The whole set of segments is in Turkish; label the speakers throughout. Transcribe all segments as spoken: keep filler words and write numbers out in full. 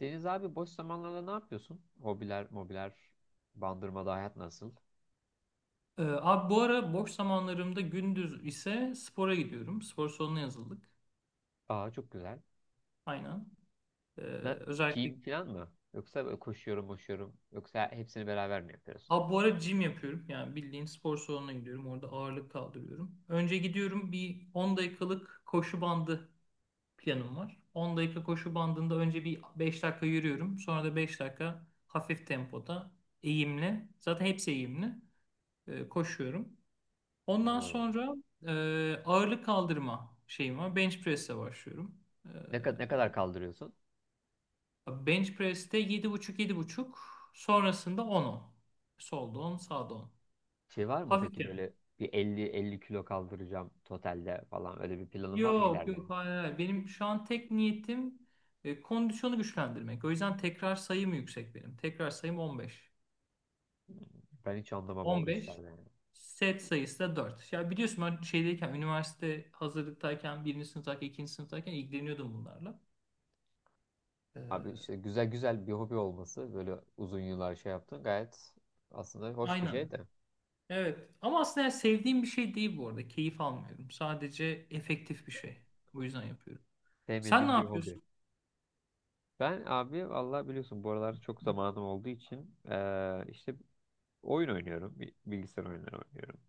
Speaker 1: Deniz abi, boş zamanlarda ne yapıyorsun? Hobiler, mobiler, Bandırmada hayat nasıl?
Speaker 2: Ee, abi bu ara boş zamanlarımda gündüz ise spora gidiyorum. Spor salonuna yazıldık.
Speaker 1: Aa, çok güzel.
Speaker 2: Aynen. Ee,
Speaker 1: Ne,
Speaker 2: özellikle
Speaker 1: Gym falan mı? Yoksa böyle koşuyorum, koşuyorum. Yoksa hepsini beraber mi yapıyorsun?
Speaker 2: abi bu ara gym yapıyorum. Yani bildiğin spor salonuna gidiyorum. Orada ağırlık kaldırıyorum. Önce gidiyorum bir on dakikalık koşu bandı planım var. on dakika koşu bandında önce bir beş dakika yürüyorum. Sonra da beş dakika hafif tempoda eğimli. Zaten hepsi eğimli. e, koşuyorum. Ondan
Speaker 1: Hmm.
Speaker 2: sonra e, ağırlık kaldırma şeyim var. Bench press'e başlıyorum. E,
Speaker 1: Ne, kad- ne kadar kaldırıyorsun?
Speaker 2: Bench press'te yedi buçuk yedi buçuk sonrasında on on. Solda on, sağda on.
Speaker 1: Şey var mı peki,
Speaker 2: Hafifçe.
Speaker 1: böyle bir elli elli kilo kaldıracağım totalde falan. Öyle bir planın var mı
Speaker 2: Yok,
Speaker 1: ileride?
Speaker 2: yok, hayır, hayır. Benim şu an tek niyetim e, kondisyonu güçlendirmek. O yüzden tekrar sayım yüksek benim. Tekrar sayım on beş
Speaker 1: Ben hiç anlamam o
Speaker 2: on beş
Speaker 1: işlerden, yani.
Speaker 2: Set sayısı da dört. Ya biliyorsun ben şeydeyken, üniversite hazırlıktayken, birinci sınıftayken, ikinci sınıftayken ilgileniyordum bunlarla.
Speaker 1: Abi,
Speaker 2: Ee,
Speaker 1: işte güzel güzel bir hobi olması, böyle uzun yıllar şey yaptın, gayet aslında hoş bir
Speaker 2: aynen.
Speaker 1: şey de,
Speaker 2: Evet. Ama aslında yani sevdiğim bir şey değil bu arada. Keyif almıyorum. Sadece efektif bir şey. O yüzden yapıyorum. Sen ne
Speaker 1: sevmediğim bir hobi.
Speaker 2: yapıyorsun?
Speaker 1: Ben abi vallahi biliyorsun, bu aralar çok zamanım olduğu için eee, işte oyun oynuyorum. bi- Bilgisayar oyunları oynuyorum.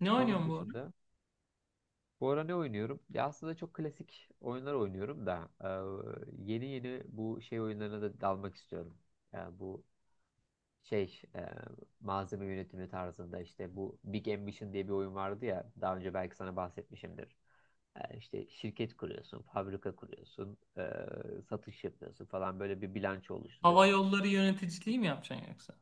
Speaker 2: Ne
Speaker 1: Onun
Speaker 2: oynuyorsun bu ara?
Speaker 1: dışında, bu ara ne oynuyorum? Ya aslında çok klasik oyunlar oynuyorum da eee, yeni yeni bu şey oyunlarına da dalmak istiyorum. Yani bu şey, eee, malzeme yönetimi tarzında, işte bu Big Ambition diye bir oyun vardı ya, daha önce belki sana bahsetmişimdir. Eee, işte şirket kuruyorsun, fabrika kuruyorsun, eee, satış yapıyorsun falan, böyle bir bilanço
Speaker 2: Hava
Speaker 1: oluşturuyorsun.
Speaker 2: yolları yöneticiliği mi yapacaksın yoksa?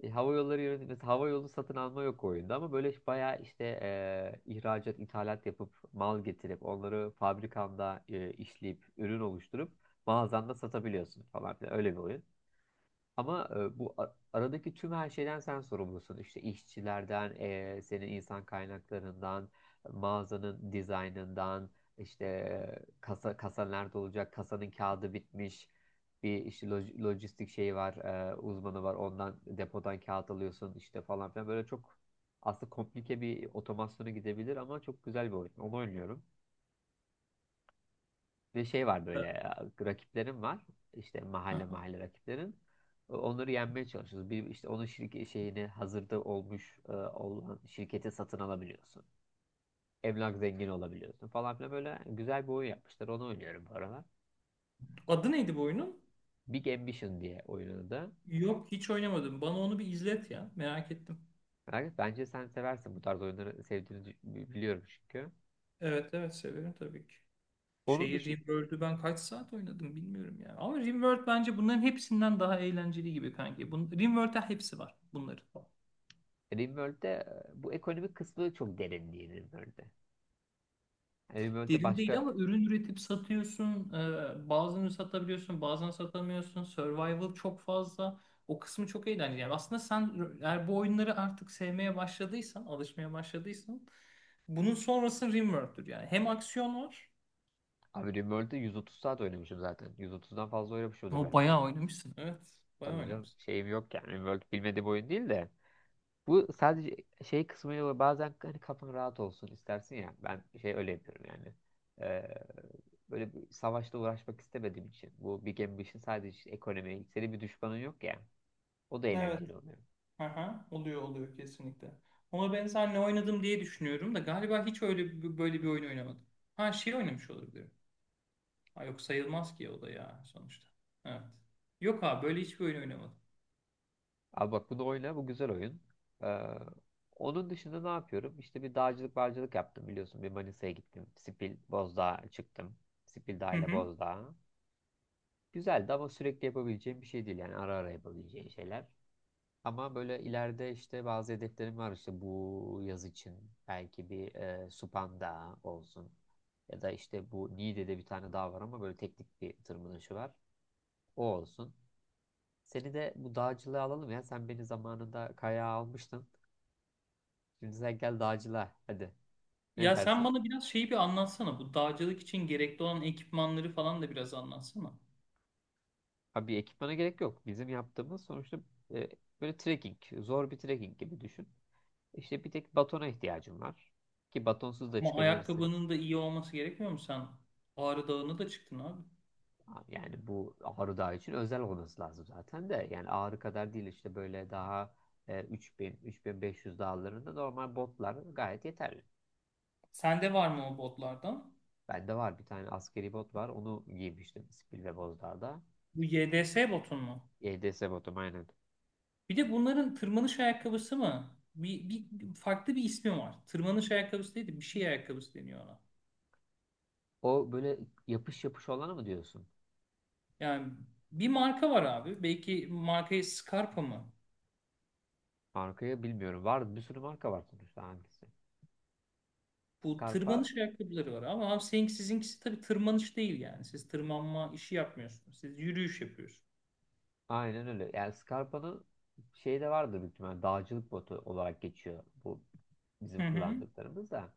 Speaker 1: E, hava yolları yönetimi, hava yolu satın alma yok oyunda, ama böyle bayağı işte e, ihracat, ithalat yapıp mal getirip onları fabrikanda e, işleyip ürün oluşturup mağazanda satabiliyorsun falan filan, öyle bir oyun. Ama e, bu a- aradaki tüm her şeyden sen sorumlusun. İşte işçilerden, e, senin insan kaynaklarından, mağazanın dizaynından, işte e, kasa kasa nerede olacak, kasanın kağıdı bitmiş. Bir işte loj- lojistik şeyi var, e, uzmanı var. Ondan depodan kağıt alıyorsun işte falan filan. Böyle çok aslında komplike bir otomasyona gidebilir, ama çok güzel bir oyun. Onu oynuyorum. Ve şey var,
Speaker 2: Ha.
Speaker 1: böyle e, rakiplerim var. İşte mahalle
Speaker 2: Aha.
Speaker 1: mahalle rakiplerim. E, Onları yenmeye çalışıyoruz. Bir işte onun şirket şeyini, hazırda olmuş e, olan şirketi satın alabiliyorsun. Emlak zengini olabiliyorsun falan filan, böyle güzel bir oyun yapmışlar. Onu oynuyorum bu aralar.
Speaker 2: Adı neydi bu oyunun?
Speaker 1: Big Ambition diye oyunun adı.
Speaker 2: Yok, hiç oynamadım. Bana onu bir izlet ya. Merak ettim.
Speaker 1: Yani bence sen seversin, bu tarz oyunları sevdiğini dü- biliyorum çünkü.
Speaker 2: Evet, evet, severim tabii ki.
Speaker 1: Onun
Speaker 2: Şeyi
Speaker 1: dışında
Speaker 2: RimWorld'ü ben kaç saat oynadım bilmiyorum ya. Ama RimWorld bence bunların hepsinden daha eğlenceli gibi kanki. Bun RimWorld'da hepsi var bunların.
Speaker 1: Rimworld'de e, bu ekonomik kısmı çok derin değil Rimworld'de. Yani Rimworld'de
Speaker 2: Derin değil
Speaker 1: başka...
Speaker 2: ama ürün üretip satıyorsun. Ee, bazılarını satabiliyorsun, bazen satamıyorsun. Survival çok fazla. O kısmı çok eğlenceli. Yani aslında sen eğer bu oyunları artık sevmeye başladıysan, alışmaya başladıysan bunun sonrası Rimworld'dür yani. Hem aksiyon var.
Speaker 1: Abi RimWorld'da yüz otuz saat oynamışım zaten. yüz otuzdan fazla oynamışımdır
Speaker 2: O
Speaker 1: ben.
Speaker 2: bayağı oynamışsın. Evet, bayağı
Speaker 1: Tabii canım,
Speaker 2: oynamışsın.
Speaker 1: şeyim yok yani. RimWorld bilmediğim oyun değil de. Bu sadece şey kısmıyla var. Bazen hani kafan rahat olsun istersin ya. Ben şey öyle yapıyorum yani. Ee, Böyle bir savaşla uğraşmak istemediğim için, bu Big Ambition sadece işte ekonomi. Senin bir düşmanın yok ya. O da
Speaker 2: Evet.
Speaker 1: eğlenceli oluyor.
Speaker 2: Aha, oluyor oluyor, kesinlikle. Ona benzer ne oynadım diye düşünüyorum da galiba hiç öyle bir- böyle bir oyun oynamadım. Ha, şey oynamış olabilirim. Ha, yok sayılmaz ki o da ya sonuçta. Evet. Yok abi, böyle hiçbir oyun oynamadım.
Speaker 1: Abi bak, bunu oyna, bu güzel oyun. Ee, Onun dışında ne yapıyorum? İşte bir dağcılık barcılık yaptım biliyorsun. Bir Manisa'ya gittim. Sipil, Bozdağ'a çıktım. Sipil Dağ
Speaker 2: Hı
Speaker 1: ile
Speaker 2: hı.
Speaker 1: Bozdağ'a. Güzeldi, ama sürekli yapabileceğim bir şey değil. Yani ara ara yapabileceğim şeyler. Ama böyle ileride işte bazı hedeflerim var. İşte bu yaz için belki bir e, Supan Dağı olsun. Ya da işte bu Niğde'de bir tane dağ var, ama böyle teknik bir tırmanışı var. O olsun. Seni de bu dağcılığa alalım ya. Sen beni zamanında kayağa almıştın. Şimdi sen gel dağcılığa. Hadi. Ne
Speaker 2: Ya sen
Speaker 1: dersin?
Speaker 2: bana biraz şeyi bir anlatsana. Bu dağcılık için gerekli olan ekipmanları falan da biraz anlatsana.
Speaker 1: Abi, bir ekipmana gerek yok. Bizim yaptığımız sonuçta e, böyle trekking. Zor bir trekking gibi düşün. İşte bir tek batona ihtiyacın var. Ki batonsuz da
Speaker 2: Ama
Speaker 1: çıkabilirsin.
Speaker 2: ayakkabının da iyi olması gerekmiyor mu? Sen Ağrı Dağı'na da çıktın abi.
Speaker 1: Yani bu Ağrı Dağı için özel olması lazım zaten de. Yani Ağrı kadar değil, işte böyle daha e, üç bin, üç bin beş yüz dağlarında normal botlar gayet yeterli.
Speaker 2: Sende var mı o botlardan?
Speaker 1: Bende var, bir tane askeri bot var. Onu giymiştim Spil ve Bozdağ'da.
Speaker 2: Bu Y D S botun mu?
Speaker 1: E D S botum, aynen.
Speaker 2: Bir de bunların tırmanış ayakkabısı mı? Bir, bir farklı bir ismi var. Tırmanış ayakkabısı değil de bir şey ayakkabısı deniyor ona.
Speaker 1: O böyle yapış yapış olanı mı diyorsun?
Speaker 2: Yani bir marka var abi. Belki markayı Scarpa mı?
Speaker 1: Markayı bilmiyorum. Var, bir sürü marka var sonuçta, hangisi?
Speaker 2: Bu
Speaker 1: Scarpa,
Speaker 2: tırmanış ayakkabıları var ama abi senin, sizinkisi tabii tırmanış değil yani. Siz tırmanma işi yapmıyorsunuz. Siz yürüyüş yapıyorsunuz.
Speaker 1: aynen öyle. Yani Scarpa'nın şey de vardı, büyük ihtimalle dağcılık botu olarak geçiyor bu bizim
Speaker 2: Hı hı.
Speaker 1: kullandıklarımız da.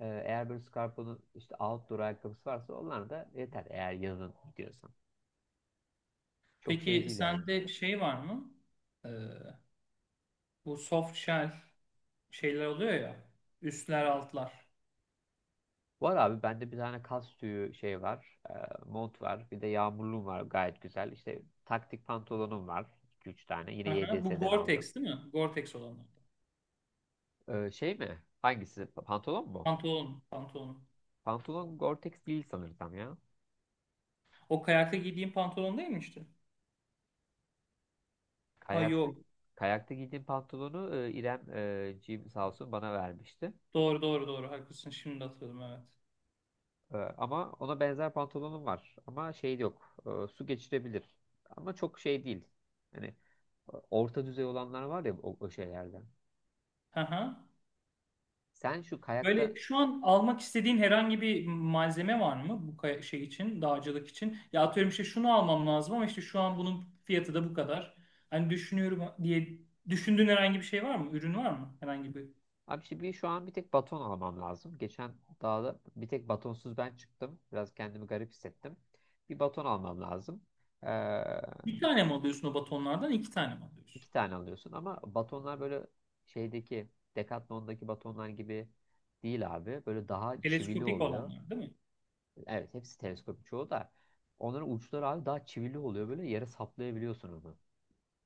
Speaker 1: Ee, eğer böyle Scarpa'nın işte outdoor ayakkabısı varsa, onlar da yeter eğer yazın gidiyorsan. Çok şey
Speaker 2: Peki
Speaker 1: değil yani.
Speaker 2: sende şey var mı? Ee, bu soft shell şeyler oluyor ya. Üstler altlar.
Speaker 1: Var abi, bende bir tane kas tüyü şey var. E, mont var. Bir de yağmurluğum var, gayet güzel. İşte taktik pantolonum var. iki üç tane. Yine
Speaker 2: Hı hı. Bu
Speaker 1: Y D S'den aldım.
Speaker 2: Gore-Tex değil mi? Gore-Tex olanlar.
Speaker 1: Ee, şey mi? Hangisi? Pantolon mu?
Speaker 2: Pantolon, pantolon.
Speaker 1: Pantolon Gore-Tex değil sanırsam ya.
Speaker 2: O kayakta giydiğin pantolon değil mi işte? Ha,
Speaker 1: Kayakta
Speaker 2: yok.
Speaker 1: kayakta giydiğim pantolonu e, İrem, e, Jim sağ olsun, bana vermişti.
Speaker 2: Doğru, doğru, doğru, haklısın. Şimdi hatırladım, evet.
Speaker 1: E, ama ona benzer pantolonum var. Ama şey yok. E, su geçirebilir. Ama çok şey değil. Hani e, orta düzey olanlar var ya, o, o şeylerden.
Speaker 2: Hı hı.
Speaker 1: Sen şu kayakta...
Speaker 2: Böyle şu an almak istediğin herhangi bir malzeme var mı bu kay- şey için, dağcılık için? Ya atıyorum işte şunu almam lazım ama işte şu an bunun fiyatı da bu kadar. Hani düşünüyorum diye düşündüğün herhangi bir şey var mı? Ürün var mı? Herhangi bir.
Speaker 1: Abi işte bir, şu an bir tek baton almam lazım. Geçen dağda bir tek batonsuz ben çıktım. Biraz kendimi garip hissettim. Bir baton almam lazım. E,
Speaker 2: Bir tane mi alıyorsun o batonlardan? İki tane mi alıyorsun?
Speaker 1: İki tane alıyorsun ama batonlar böyle şeydeki Decathlon'daki batonlar gibi değil abi. Böyle daha çivili
Speaker 2: Teleskopik
Speaker 1: oluyor.
Speaker 2: olanlar değil mi?
Speaker 1: Evet, hepsi teleskop çoğu da. Onların uçları abi daha çivili oluyor. Böyle yere saplayabiliyorsun onu.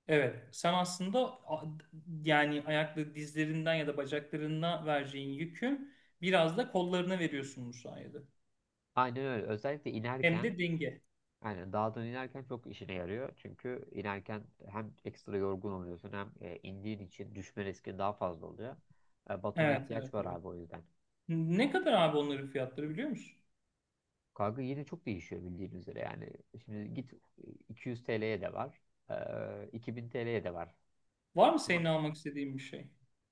Speaker 2: Evet. Sen aslında a- yani ayaklı dizlerinden ya da bacaklarına vereceğin yükü biraz da kollarına veriyorsun bu sayede.
Speaker 1: Aynen öyle. Özellikle
Speaker 2: Hem
Speaker 1: inerken,
Speaker 2: de denge.
Speaker 1: yani dağdan inerken çok işine yarıyor. Çünkü inerken hem ekstra yorgun oluyorsun, hem e, indiğin için düşme riski daha fazla oluyor. E, batona
Speaker 2: Evet,
Speaker 1: ihtiyaç
Speaker 2: evet,
Speaker 1: var
Speaker 2: evet.
Speaker 1: abi o yüzden.
Speaker 2: Ne kadar abi onların fiyatları, biliyor musun?
Speaker 1: Kanka, yine çok değişiyor bildiğin üzere yani. Şimdi git, iki yüz T L'ye de var, eee, iki bin T L'ye de var.
Speaker 2: Var mı senin
Speaker 1: Ama
Speaker 2: almak istediğin bir şey?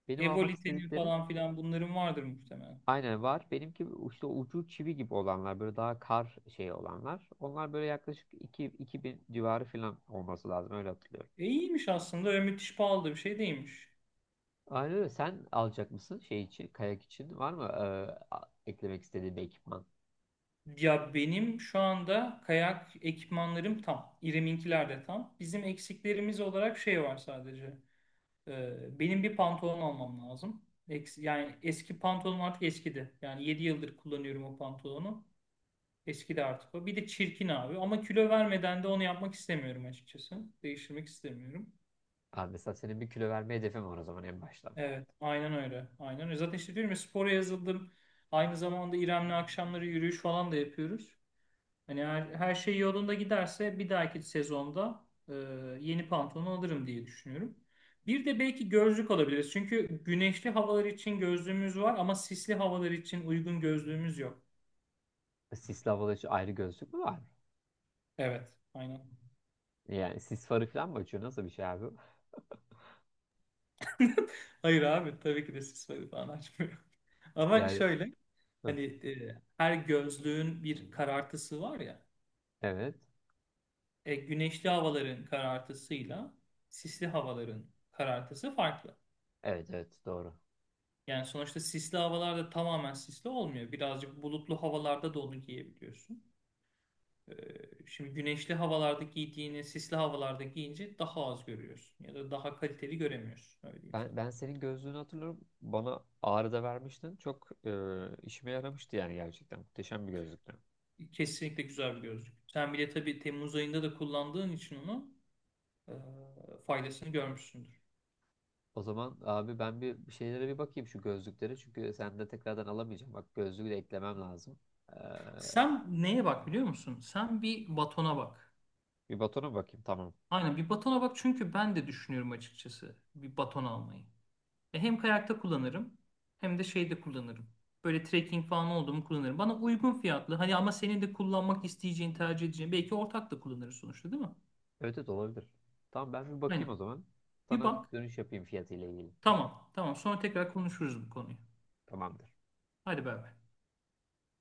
Speaker 1: benim almak
Speaker 2: Evolitenin
Speaker 1: istediklerim
Speaker 2: falan filan bunların vardır muhtemelen.
Speaker 1: aynen var. Benimki işte ucu çivi gibi olanlar, böyle daha kar şey olanlar. Onlar böyle yaklaşık iki iki bin civarı falan olması lazım, öyle hatırlıyorum.
Speaker 2: E iyiymiş aslında. Öyle müthiş pahalı da bir şey değilmiş.
Speaker 1: Aynen öyle. Sen alacak mısın şey için, kayak için var mı eee, a- eklemek istediğin bir ekipman?
Speaker 2: Ya benim şu anda kayak ekipmanlarım tam. İrem'inkiler de tam. Bizim eksiklerimiz olarak şey var sadece. Ee, benim bir pantolon almam lazım. Eks- yani eski pantolonum artık eskidi. Yani yedi yıldır kullanıyorum o pantolonu. Eskidi artık o. Bir de çirkin abi. Ama kilo vermeden de onu yapmak istemiyorum açıkçası. Değiştirmek istemiyorum.
Speaker 1: Ha, mesela senin bir kilo verme hedefin var o zaman en başta.
Speaker 2: Evet, aynen öyle. Aynen öyle. Zaten işte diyorum ya, spora yazıldım. Aynı zamanda İrem'le akşamları yürüyüş falan da yapıyoruz. Hani her, her şey yolunda giderse bir dahaki sezonda e, yeni pantolon alırım diye düşünüyorum. Bir de belki gözlük alabiliriz. Çünkü güneşli havalar için gözlüğümüz var ama sisli havalar için uygun gözlüğümüz yok.
Speaker 1: Sisli havalı için ayrı gözlük mü var?
Speaker 2: Evet, aynen.
Speaker 1: Yani sis farı falan mı açıyor? Nasıl bir şey abi?
Speaker 2: Hayır abi, tabii ki de sis falan açmıyor. Ama
Speaker 1: Yani,
Speaker 2: şöyle,
Speaker 1: hı,
Speaker 2: hani e, her gözlüğün bir karartısı var ya.
Speaker 1: evet.
Speaker 2: E, güneşli havaların karartısıyla sisli havaların karartısı farklı.
Speaker 1: Evet evet, doğru.
Speaker 2: Yani sonuçta sisli havalarda tamamen sisli olmuyor. Birazcık bulutlu havalarda da onu giyebiliyorsun. E, şimdi güneşli havalarda giydiğini sisli havalarda giyince daha az görüyorsun. Ya da daha kaliteli göremiyorsun. Öyle diyeyim sana.
Speaker 1: Ben, ben senin gözlüğünü hatırlıyorum. Bana Ağrı'da vermiştin. Çok e, işime yaramıştı yani, gerçekten. Muhteşem bir gözlüktü.
Speaker 2: Kesinlikle güzel bir gözlük. Sen bile tabii Temmuz ayında da kullandığın için onu e, faydasını görmüşsündür.
Speaker 1: O zaman abi, ben bir şeylere bir bakayım şu gözlükleri. Çünkü sen de tekrardan alamayacağım. Bak, gözlüğü de eklemem lazım. Ee,
Speaker 2: Sen neye bak biliyor musun? Sen bir batona bak.
Speaker 1: Bir batona bakayım, tamam.
Speaker 2: Aynen bir batona bak, çünkü ben de düşünüyorum açıkçası bir baton almayı. Ya hem kayakta kullanırım hem de şeyde kullanırım. Böyle trekking falan oldu mu kullanırım. Bana uygun fiyatlı hani ama senin de kullanmak isteyeceğin, tercih edeceğin, belki ortak da kullanırız sonuçta, değil mi?
Speaker 1: Evet evet, olabilir. Tamam, ben bir bakayım o
Speaker 2: Aynen.
Speaker 1: zaman.
Speaker 2: Bir
Speaker 1: Sana
Speaker 2: bak.
Speaker 1: dönüş yapayım fiyatıyla ilgili.
Speaker 2: Tamam. Tamam. Sonra tekrar konuşuruz bu konuyu.
Speaker 1: Tamamdır.
Speaker 2: Hadi bay bay.